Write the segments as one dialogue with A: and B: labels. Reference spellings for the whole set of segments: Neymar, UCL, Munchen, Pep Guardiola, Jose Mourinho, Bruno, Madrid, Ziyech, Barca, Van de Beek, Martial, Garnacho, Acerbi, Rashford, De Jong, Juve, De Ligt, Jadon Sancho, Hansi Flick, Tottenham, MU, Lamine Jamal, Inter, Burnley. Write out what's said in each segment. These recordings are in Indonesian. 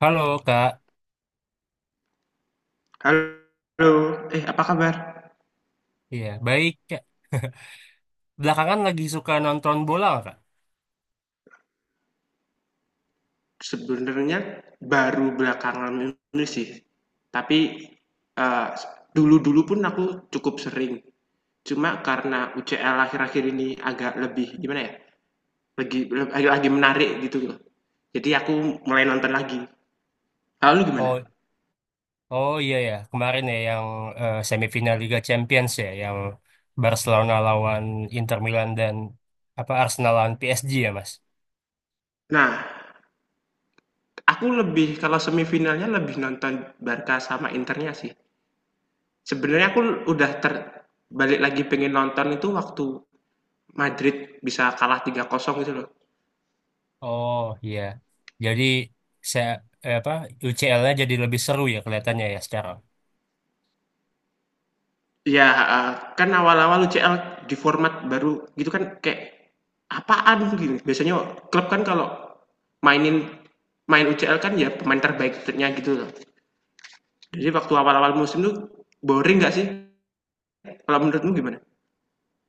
A: Halo Kak,
B: Halo, apa kabar?
A: iya baik Kak. Belakangan lagi suka nonton bola nggak, Kak?
B: Sebenarnya baru belakangan ini sih, tapi eh, dulu-dulu pun aku cukup sering. Cuma karena UCL akhir-akhir ini agak lebih gimana ya, lagi menarik gitu loh. Jadi aku mulai nonton lagi. Lalu gimana?
A: Oh, oh iya ya, kemarin ya yang semifinal Liga Champions ya, yang Barcelona lawan Inter Milan dan apa Arsenal lawan PSG ya Mas.
B: Nah, aku lebih kalau semifinalnya lebih nonton Barca sama Internya sih. Sebenarnya aku udah balik lagi pengen nonton itu waktu Madrid bisa kalah tiga 0 gitu loh.
A: Oh iya, jadi saya apa UCL-nya jadi lebih seru ya kelihatannya ya sekarang.
B: Ya, heeh. Kan awal-awal UCL di format baru gitu kan, kayak apaan gitu. Biasanya klub kan kalau mainin main UCL kan ya pemain terbaiknya gitu loh. Jadi waktu awal-awal musim tuh boring nggak sih? Kalau menurutmu gimana?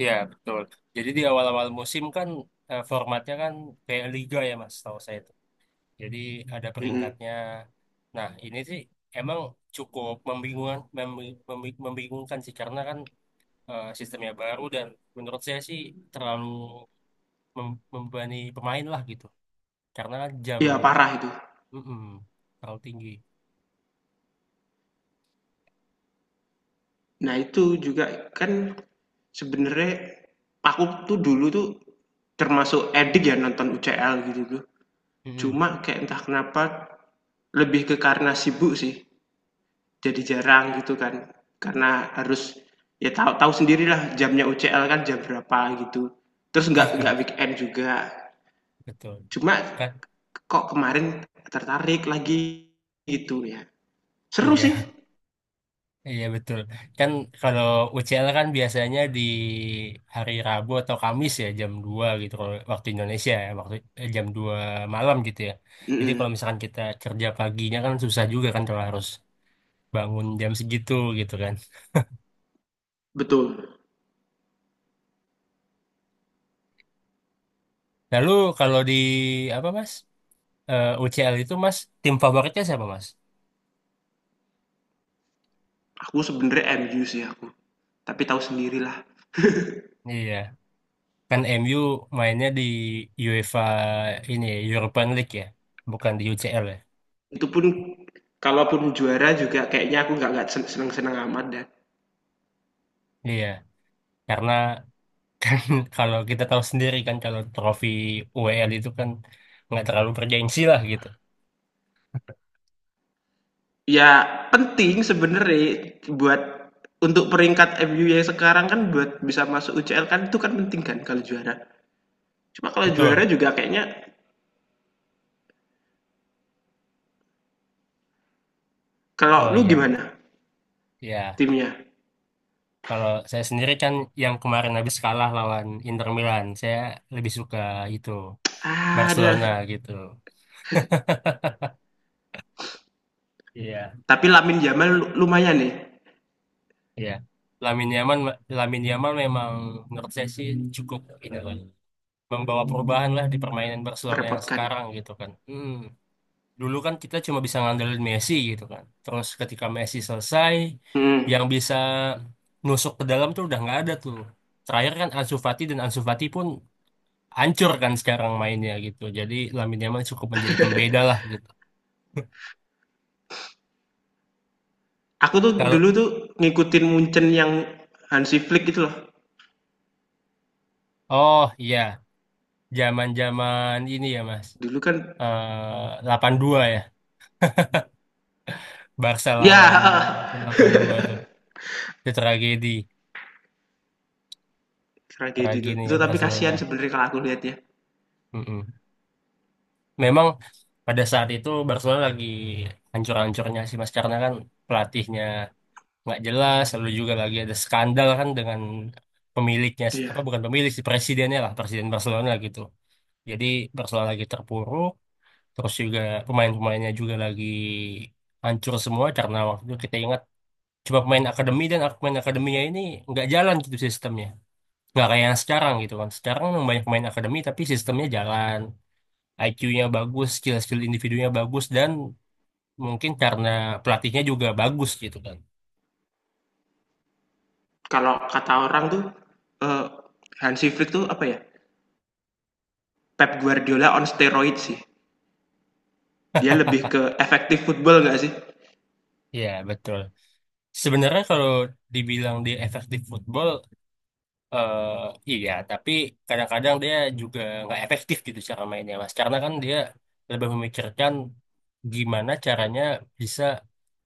A: Iya betul. Jadi di awal-awal musim kan formatnya kan kayak liga ya Mas, tahu saya. Jadi ada
B: Mhm.
A: peringkatnya. Nah, ini sih emang cukup membingungkan sih karena kan sistemnya baru dan menurut saya sih terlalu membebani pemain lah gitu. Karena kan jam,
B: Iya, parah itu.
A: mm-mm, terlalu tinggi.
B: Nah, itu juga kan sebenarnya aku tuh dulu tuh termasuk edik ya nonton UCL gitu tuh.
A: Mm-mm.
B: Cuma kayak entah kenapa, lebih ke karena sibuk sih, jadi jarang gitu kan. Karena harus ya tahu tahu sendirilah jamnya UCL kan jam berapa gitu. Terus nggak
A: Iya,
B: nggak weekend juga.
A: betul.
B: Cuma
A: Kan,
B: kok kemarin tertarik lagi gitu ya. Seru sih.
A: iya. Iya betul. Kan kalau UCL kan biasanya di hari Rabu atau Kamis ya jam 2 gitu kalau waktu Indonesia ya, waktu jam 2 malam gitu ya. Jadi
B: Mm-mm,
A: kalau misalkan kita kerja paginya kan susah juga kan kalau harus bangun jam segitu gitu kan.
B: betul.
A: Lalu kalau di apa Mas? UCL itu Mas tim favoritnya siapa Mas?
B: Aku sebenarnya MU sih aku. Tapi tahu sendirilah.
A: Iya, kan MU mainnya di UEFA ini ya, European League ya, bukan di UCL ya.
B: Itu pun kalaupun juara juga kayaknya aku nggak seneng-seneng amat, dan
A: Iya, karena kalau kita tahu sendiri kan kalau trofi UEL itu kan nggak terlalu bergengsi lah gitu.
B: ya, penting sebenarnya buat untuk peringkat MU yang sekarang kan, buat bisa masuk UCL kan itu kan penting kan kalau juara. Cuma kalau
A: Betul.
B: juara juga kayaknya, kalau
A: Oh
B: lu
A: iya,
B: gimana
A: iya.
B: timnya?
A: Kalau saya sendiri kan yang kemarin habis kalah lawan Inter Milan, saya lebih suka itu
B: Ah, ada,
A: Barcelona gitu. Iya,
B: tapi Lamin Jamal lumayan nih,
A: iya. Lamine Yamal, Lamine Yamal memang menurut saya sih cukup ini lah, membawa perubahan lah di permainan Barcelona yang
B: merepotkan.
A: sekarang gitu kan. Hmm. Dulu kan kita cuma bisa ngandelin Messi gitu kan. Terus ketika Messi selesai,
B: Hmm.
A: yang bisa nusuk ke dalam tuh udah nggak ada tuh. Terakhir kan Ansu Fati dan Ansu Fati pun hancur kan sekarang mainnya gitu. Jadi Lamine Yamal cukup menjadi pembeda lah gitu.
B: Aku tuh
A: Kalau
B: dulu tuh ngikutin Munchen yang Hansi Flick itu loh.
A: oh iya, zaman-zaman ini ya Mas.
B: Dulu kan
A: 8-2 ya. Barca
B: ya
A: lawan 8-2 tuh. Itu tragedi,
B: tragedi tuh.
A: tragedi
B: Itu
A: ya
B: tapi
A: Barcelona.
B: kasihan sebenarnya kalau aku lihat ya.
A: Mm-mm. Memang pada saat itu Barcelona lagi hancur-hancurnya sih Mas karena kan pelatihnya nggak jelas, lalu juga lagi ada skandal kan dengan pemiliknya, apa
B: Iya.
A: bukan pemilik sih, presidennya lah, presiden Barcelona gitu. Jadi Barcelona lagi terpuruk, terus juga pemain-pemainnya juga lagi hancur semua karena waktu itu kita ingat cuma pemain akademi dan pemain akademinya ini nggak jalan gitu sistemnya. Nggak kayak yang sekarang gitu kan. Sekarang memang banyak pemain akademi tapi sistemnya jalan. IQ-nya bagus, skill-skill individunya bagus, dan mungkin karena pelatihnya juga bagus gitu kan.
B: Kalau kata orang tuh, eee, Hansi Flick tuh apa ya, Pep Guardiola on steroid sih. Dia lebih ke efektif football nggak sih?
A: Ya, betul. Sebenarnya kalau dibilang dia efektif football, eh iya, tapi kadang-kadang dia juga nggak efektif gitu cara mainnya, Mas. Karena kan dia lebih memikirkan gimana caranya bisa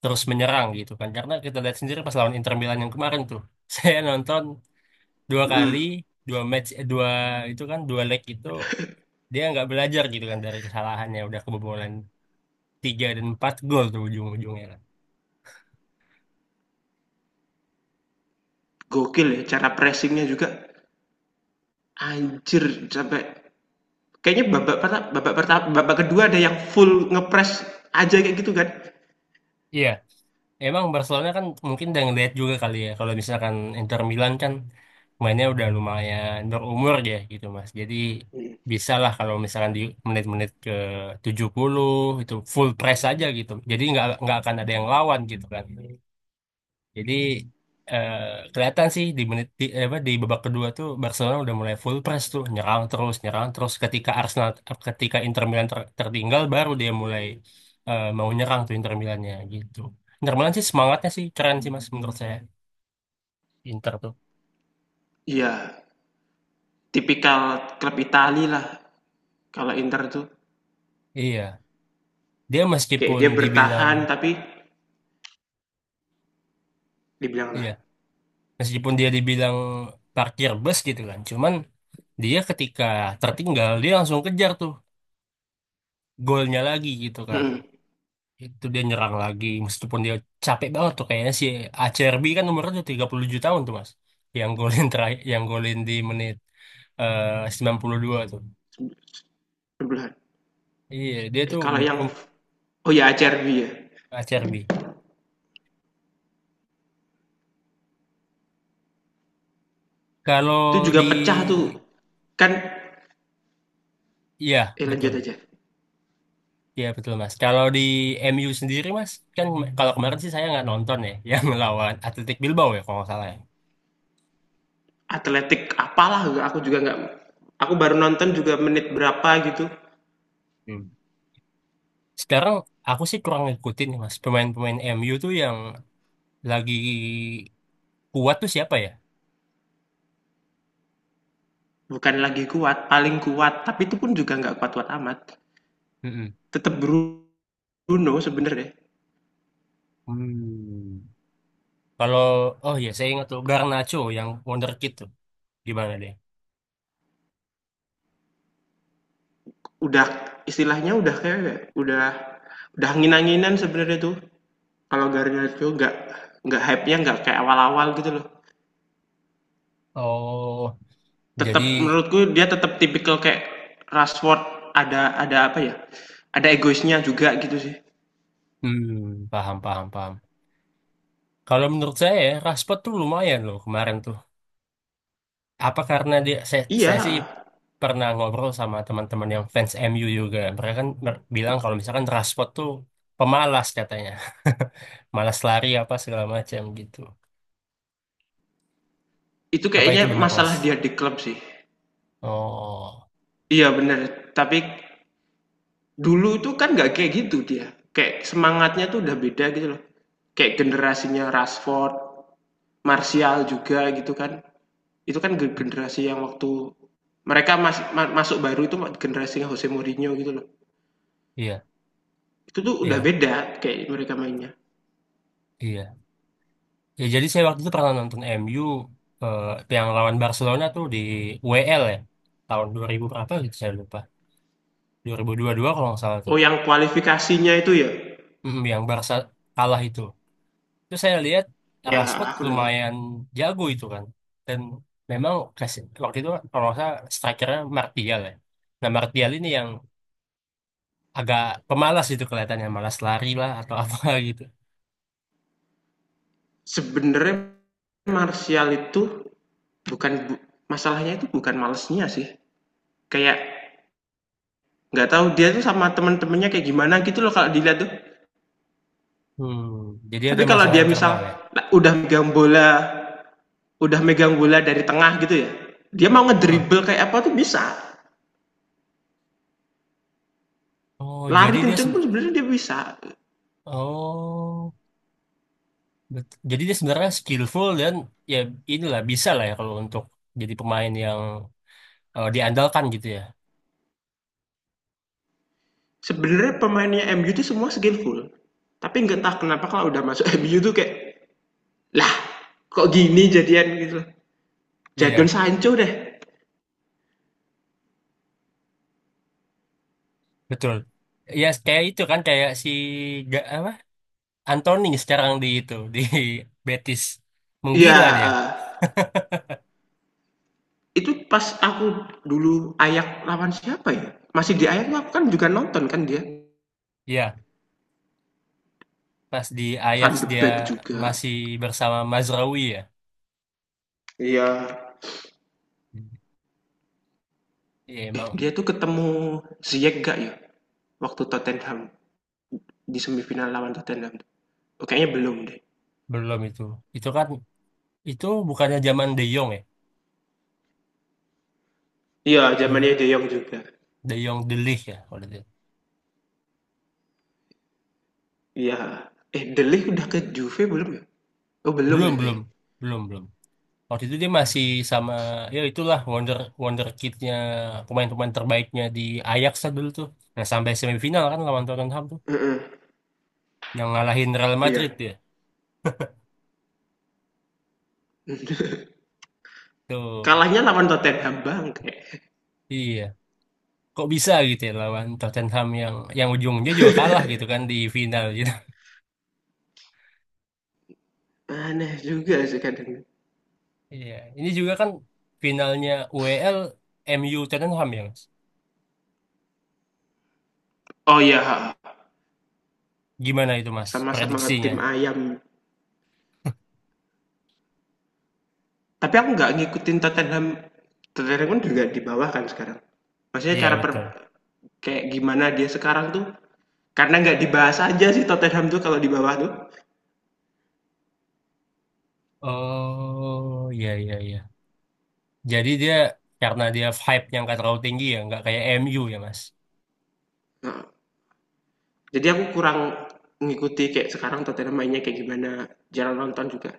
A: terus menyerang gitu kan. Karena kita lihat sendiri pas lawan Inter Milan yang kemarin tuh, saya nonton dua kali,
B: Mhm.
A: dua match, dua itu kan, dua leg itu dia nggak belajar gitu kan dari kesalahannya, udah kebobolan 3 dan 4 gol tuh ujung-ujungnya kan.
B: Gokil ya cara pressingnya juga, anjir sampai kayaknya babak pertama babak kedua ada yang full ngepress aja kayak gitu kan.
A: Iya, emang Barcelona kan mungkin udah ngeliat juga kali ya kalau misalkan Inter Milan kan mainnya udah lumayan berumur ya gitu Mas. Jadi
B: Mhm.
A: bisa lah kalau misalkan di menit-menit ke 70 itu full press aja gitu. Jadi nggak akan ada yang lawan gitu kan. Jadi eh, kelihatan sih di menit apa di babak kedua tuh Barcelona udah mulai full press tuh nyerang terus ketika Inter Milan tertinggal, baru dia mulai mau nyerang tuh Inter Milannya gitu. Inter Milan sih semangatnya sih keren sih Mas, menurut saya Inter tuh.
B: Iya, tipikal klub Itali lah, kalau Inter tuh.
A: Iya, dia
B: Kayak
A: meskipun
B: dia
A: dibilang
B: bertahan, tapi dibilang lah.
A: iya, meskipun dia dibilang parkir bus gitu kan. Cuman dia ketika tertinggal dia langsung kejar tuh golnya lagi gitu kan.
B: Mhm.
A: Itu dia nyerang lagi. Meskipun dia capek banget tuh kayaknya si ACRB kan umurnya udah 37 tahun tuh Mas. Yang golin terakhir, yang golin di menit 92 tuh.
B: Sembilan.
A: Iya, dia
B: Eh,
A: tuh
B: kalau yang oh ya, Acerbi ya.
A: ACRB.
B: Itu
A: Kalau
B: juga
A: di
B: pecah tuh. Kan
A: iya, betul.
B: lanjut aja.
A: Iya, betul Mas. Kalau di MU sendiri Mas, kan kalau kemarin sih saya nggak nonton ya yang lawan Athletic Bilbao ya kalau nggak salah ya.
B: Atletik apalah, aku juga nggak, aku baru nonton juga menit berapa gitu.
A: Hmm. Sekarang aku sih kurang ngikutin nih Mas. Pemain-pemain MU tuh yang lagi kuat tuh siapa ya?
B: Bukan lagi kuat, paling kuat, tapi itu pun juga nggak kuat-kuat amat.
A: Hmm.
B: Tetap Bruno sebenarnya.
A: Hmm. Kalau oh ya, saya ingat tuh Garnacho yang Wonderkid tuh gimana dia?
B: Udah, istilahnya udah kayak udah udah angin-anginan sebenarnya tuh. Kalau Garnacho nggak hype-nya nggak kayak awal-awal gitu loh.
A: Oh, jadi
B: Tetap menurutku dia tetap tipikal kayak Rashford, ada apa ya? Ada egoisnya juga gitu sih.
A: hmm, paham paham paham. Kalau menurut saya ya, Rashford tuh lumayan loh kemarin tuh. Apa karena dia saya,
B: Iya,
A: saya sih pernah ngobrol sama teman-teman yang fans MU juga. Mereka kan bilang kalau misalkan Rashford tuh pemalas katanya. Malas lari apa segala macam gitu.
B: itu
A: Apa itu
B: kayaknya
A: benar, Mas?
B: masalah dia di klub sih.
A: Oh,
B: Iya bener, tapi dulu itu kan nggak kayak gitu dia. Kayak semangatnya tuh udah beda gitu loh. Kayak generasinya Rashford, Martial juga gitu kan. Itu kan
A: i-
B: generasi yang waktu mereka masuk baru itu, generasinya Jose Mourinho gitu loh.
A: iya,
B: Itu tuh udah
A: iya,
B: beda kayak mereka mainnya.
A: iya. Ya, jadi saya waktu itu pernah nonton MU eh, yang lawan Barcelona tuh di WL ya. Tahun 2000 berapa gitu saya lupa. 2022 kalau nggak salah tuh.
B: Oh, yang kualifikasinya itu ya?
A: Mm, yang Barca kalah itu. Terus saya lihat
B: Ya,
A: Rashford
B: aku nonton.
A: lumayan jago itu kan. Dan memang kasih waktu itu kalau nggak salah strikernya Martial ya. Nah Martial ini yang agak pemalas itu kelihatannya. Malas lari lah atau apa gitu.
B: Sebenarnya Martial itu bukan, masalahnya itu bukan malesnya sih. Kayak nggak tahu dia tuh sama temen-temennya kayak gimana gitu loh kalau dilihat tuh.
A: Hmm, jadi
B: Tapi
A: ada
B: kalau
A: masalah
B: dia misal
A: internal ya.
B: udah megang bola, udah megang bola, dari tengah gitu ya, dia mau
A: Hmm.
B: ngedribble kayak apa tuh bisa.
A: Oh,
B: Lari
A: jadi dia...
B: kenceng
A: se-
B: pun sebenarnya dia bisa.
A: Oh. Jadi dia sebenarnya skillful dan ya inilah bisa lah ya kalau untuk jadi pemain yang diandalkan gitu ya.
B: Sebenarnya pemainnya MU tuh semua skillful. Tapi nggak, entah kenapa kalau udah masuk MU tuh kayak, lah kok gini jadian gitu loh.
A: Iya,
B: Jadon
A: iya,
B: Sancho deh.
A: betul. Ya kayak itu kan kayak si apa Anthony sekarang di itu di Betis
B: Iya,
A: menggila dia.
B: heeh. Itu pas aku dulu Ayak lawan siapa ya? Masih di Ayak tuh aku kan juga nonton kan dia.
A: Iya, pas di Ajax
B: Van de
A: dia
B: Beek juga.
A: masih bersama Mazraoui ya.
B: Iya.
A: Iya
B: Eh,
A: emang
B: dia tuh ketemu Ziyech gak ya? Waktu Tottenham Di semifinal lawan Tottenham. Oh, kayaknya belum deh.
A: belum itu. Itu kan itu bukannya zaman De Jong ya?
B: Iya,
A: Dua
B: zamannya De Jong juga.
A: De Jong De Ligt ya kalau dia.
B: Iya. Eh, De Ligt udah ke Juve belum ya? Oh, belum
A: Belum
B: deh
A: belum
B: kayaknya.
A: belum belum. Waktu itu dia masih sama, ya itulah wonder wonder kidnya, pemain-pemain terbaiknya di Ajax lah dulu tuh. Nah sampai semifinal kan lawan Tottenham tuh
B: Heeh.
A: yang ngalahin Real Madrid
B: Iya.
A: dia tuh.
B: Kalahnya lawan Tottenham bang, kayak
A: Iya, kok bisa gitu ya lawan Tottenham yang ujungnya juga kalah gitu kan di final gitu.
B: aneh juga sih kadang.
A: Iya, ini juga kan finalnya UEL MU Tottenham ya mas,
B: Oh iya,
A: gimana itu mas
B: sama-sama
A: prediksinya?
B: tim ayam. Tapi aku nggak ngikutin Tottenham. Tottenham kan juga di bawah kan sekarang. Maksudnya
A: Iya betul.
B: kayak gimana dia sekarang tuh, karena nggak dibahas aja sih Tottenham tuh kalau di bawah tuh.
A: Oh iya, iya, iya. Jadi dia karena dia hype nya nggak terlalu tinggi ya, nggak kayak MU ya Mas.
B: Nah, jadi aku kurang ngikuti kayak sekarang Tottenham mainnya kayak gimana. Jarang nonton juga.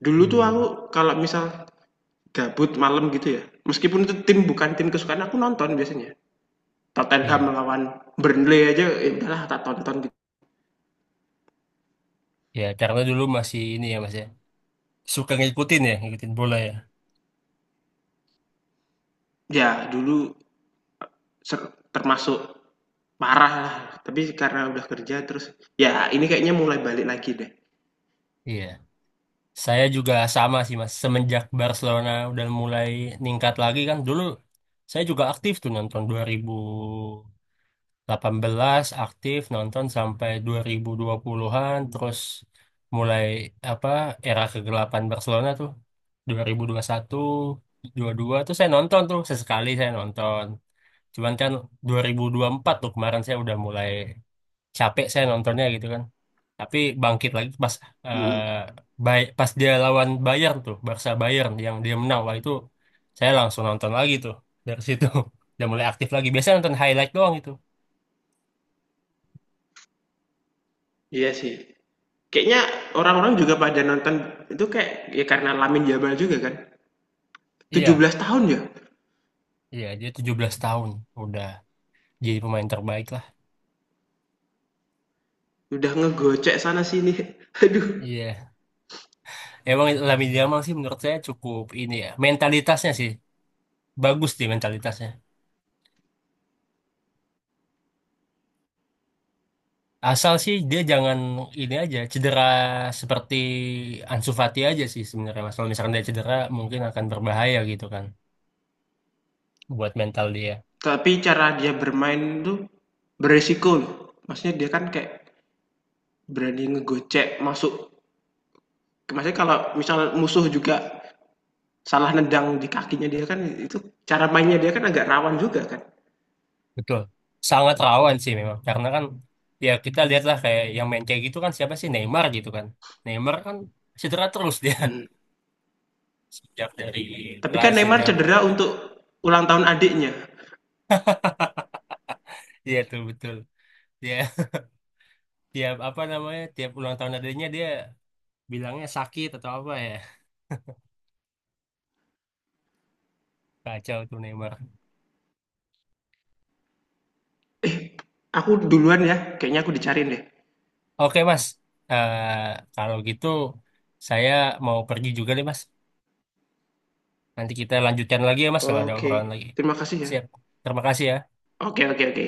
B: Dulu tuh aku
A: Hmm.
B: kalau misal gabut malam gitu ya. Meskipun itu tim, bukan tim kesukaan, aku nonton biasanya. Tottenham
A: Iya,
B: melawan Burnley aja ya udahlah tak tonton gitu.
A: ya karena dulu masih ini ya Mas ya, suka ngikutin ya, ngikutin bola ya.
B: Ya dulu termasuk parah lah, tapi karena udah kerja terus ya ini kayaknya mulai balik lagi deh.
A: Iya, saya juga sama sih Mas. Semenjak Barcelona udah mulai ningkat lagi kan, dulu saya juga aktif tuh nonton 2000. 18 aktif nonton sampai 2020-an. Terus mulai apa era kegelapan Barcelona tuh 2021 dua tuh saya nonton tuh, sesekali saya nonton, cuman kan dua ribu empat tuh kemarin saya udah mulai capek saya nontonnya gitu kan. Tapi bangkit lagi pas eh,
B: Mhm,
A: Pas dia lawan Bayern tuh, Barca Bayern yang dia menang, wah itu saya langsung nonton lagi tuh. Dari situ udah mulai aktif lagi, biasanya nonton highlight doang itu.
B: iya sih. Kayaknya orang-orang juga pada nonton itu, kayak ya karena Lamine Jamal juga kan, tujuh
A: Iya.
B: belas tahun ya,
A: Iya, dia 17 tahun udah jadi pemain terbaik lah.
B: udah ngegocek sana sini. Aduh,
A: Iya. Emang Lamine Yamal sih menurut saya cukup ini ya. Mentalitasnya sih bagus sih mentalitasnya. Asal sih dia jangan ini aja cedera seperti Ansu Fati aja sih sebenarnya. Mas. Kalau misalkan dia cedera mungkin akan berbahaya gitu kan buat mental dia.
B: tapi cara dia bermain tuh beresiko loh. Maksudnya dia kan kayak berani ngegocek masuk, maksudnya kalau misal musuh juga salah nendang di kakinya dia kan, itu cara mainnya dia kan agak rawan juga kan.
A: Betul. Sangat rawan sih memang karena kan ya kita lihatlah kayak yang main kayak gitu kan siapa sih, Neymar gitu kan. Neymar kan cedera terus dia
B: Mhm.
A: sejak dari
B: Tapi kan
A: Brazil
B: Neymar
A: yang.
B: cedera untuk ulang tahun adiknya.
A: Iya tuh betul. Dia tiap apa namanya tiap ulang tahun adanya dia bilangnya sakit atau apa ya. Kacau tuh Neymar.
B: Eh, aku duluan ya. Kayaknya aku dicariin deh.
A: Oke Mas. Eh, Kalau gitu saya mau pergi juga deh Mas. Nanti kita lanjutkan lagi ya Mas kalau ada
B: Oke.
A: obrolan lagi.
B: Terima kasih ya.
A: Siap. Terima kasih ya.
B: Oke, oke, oke.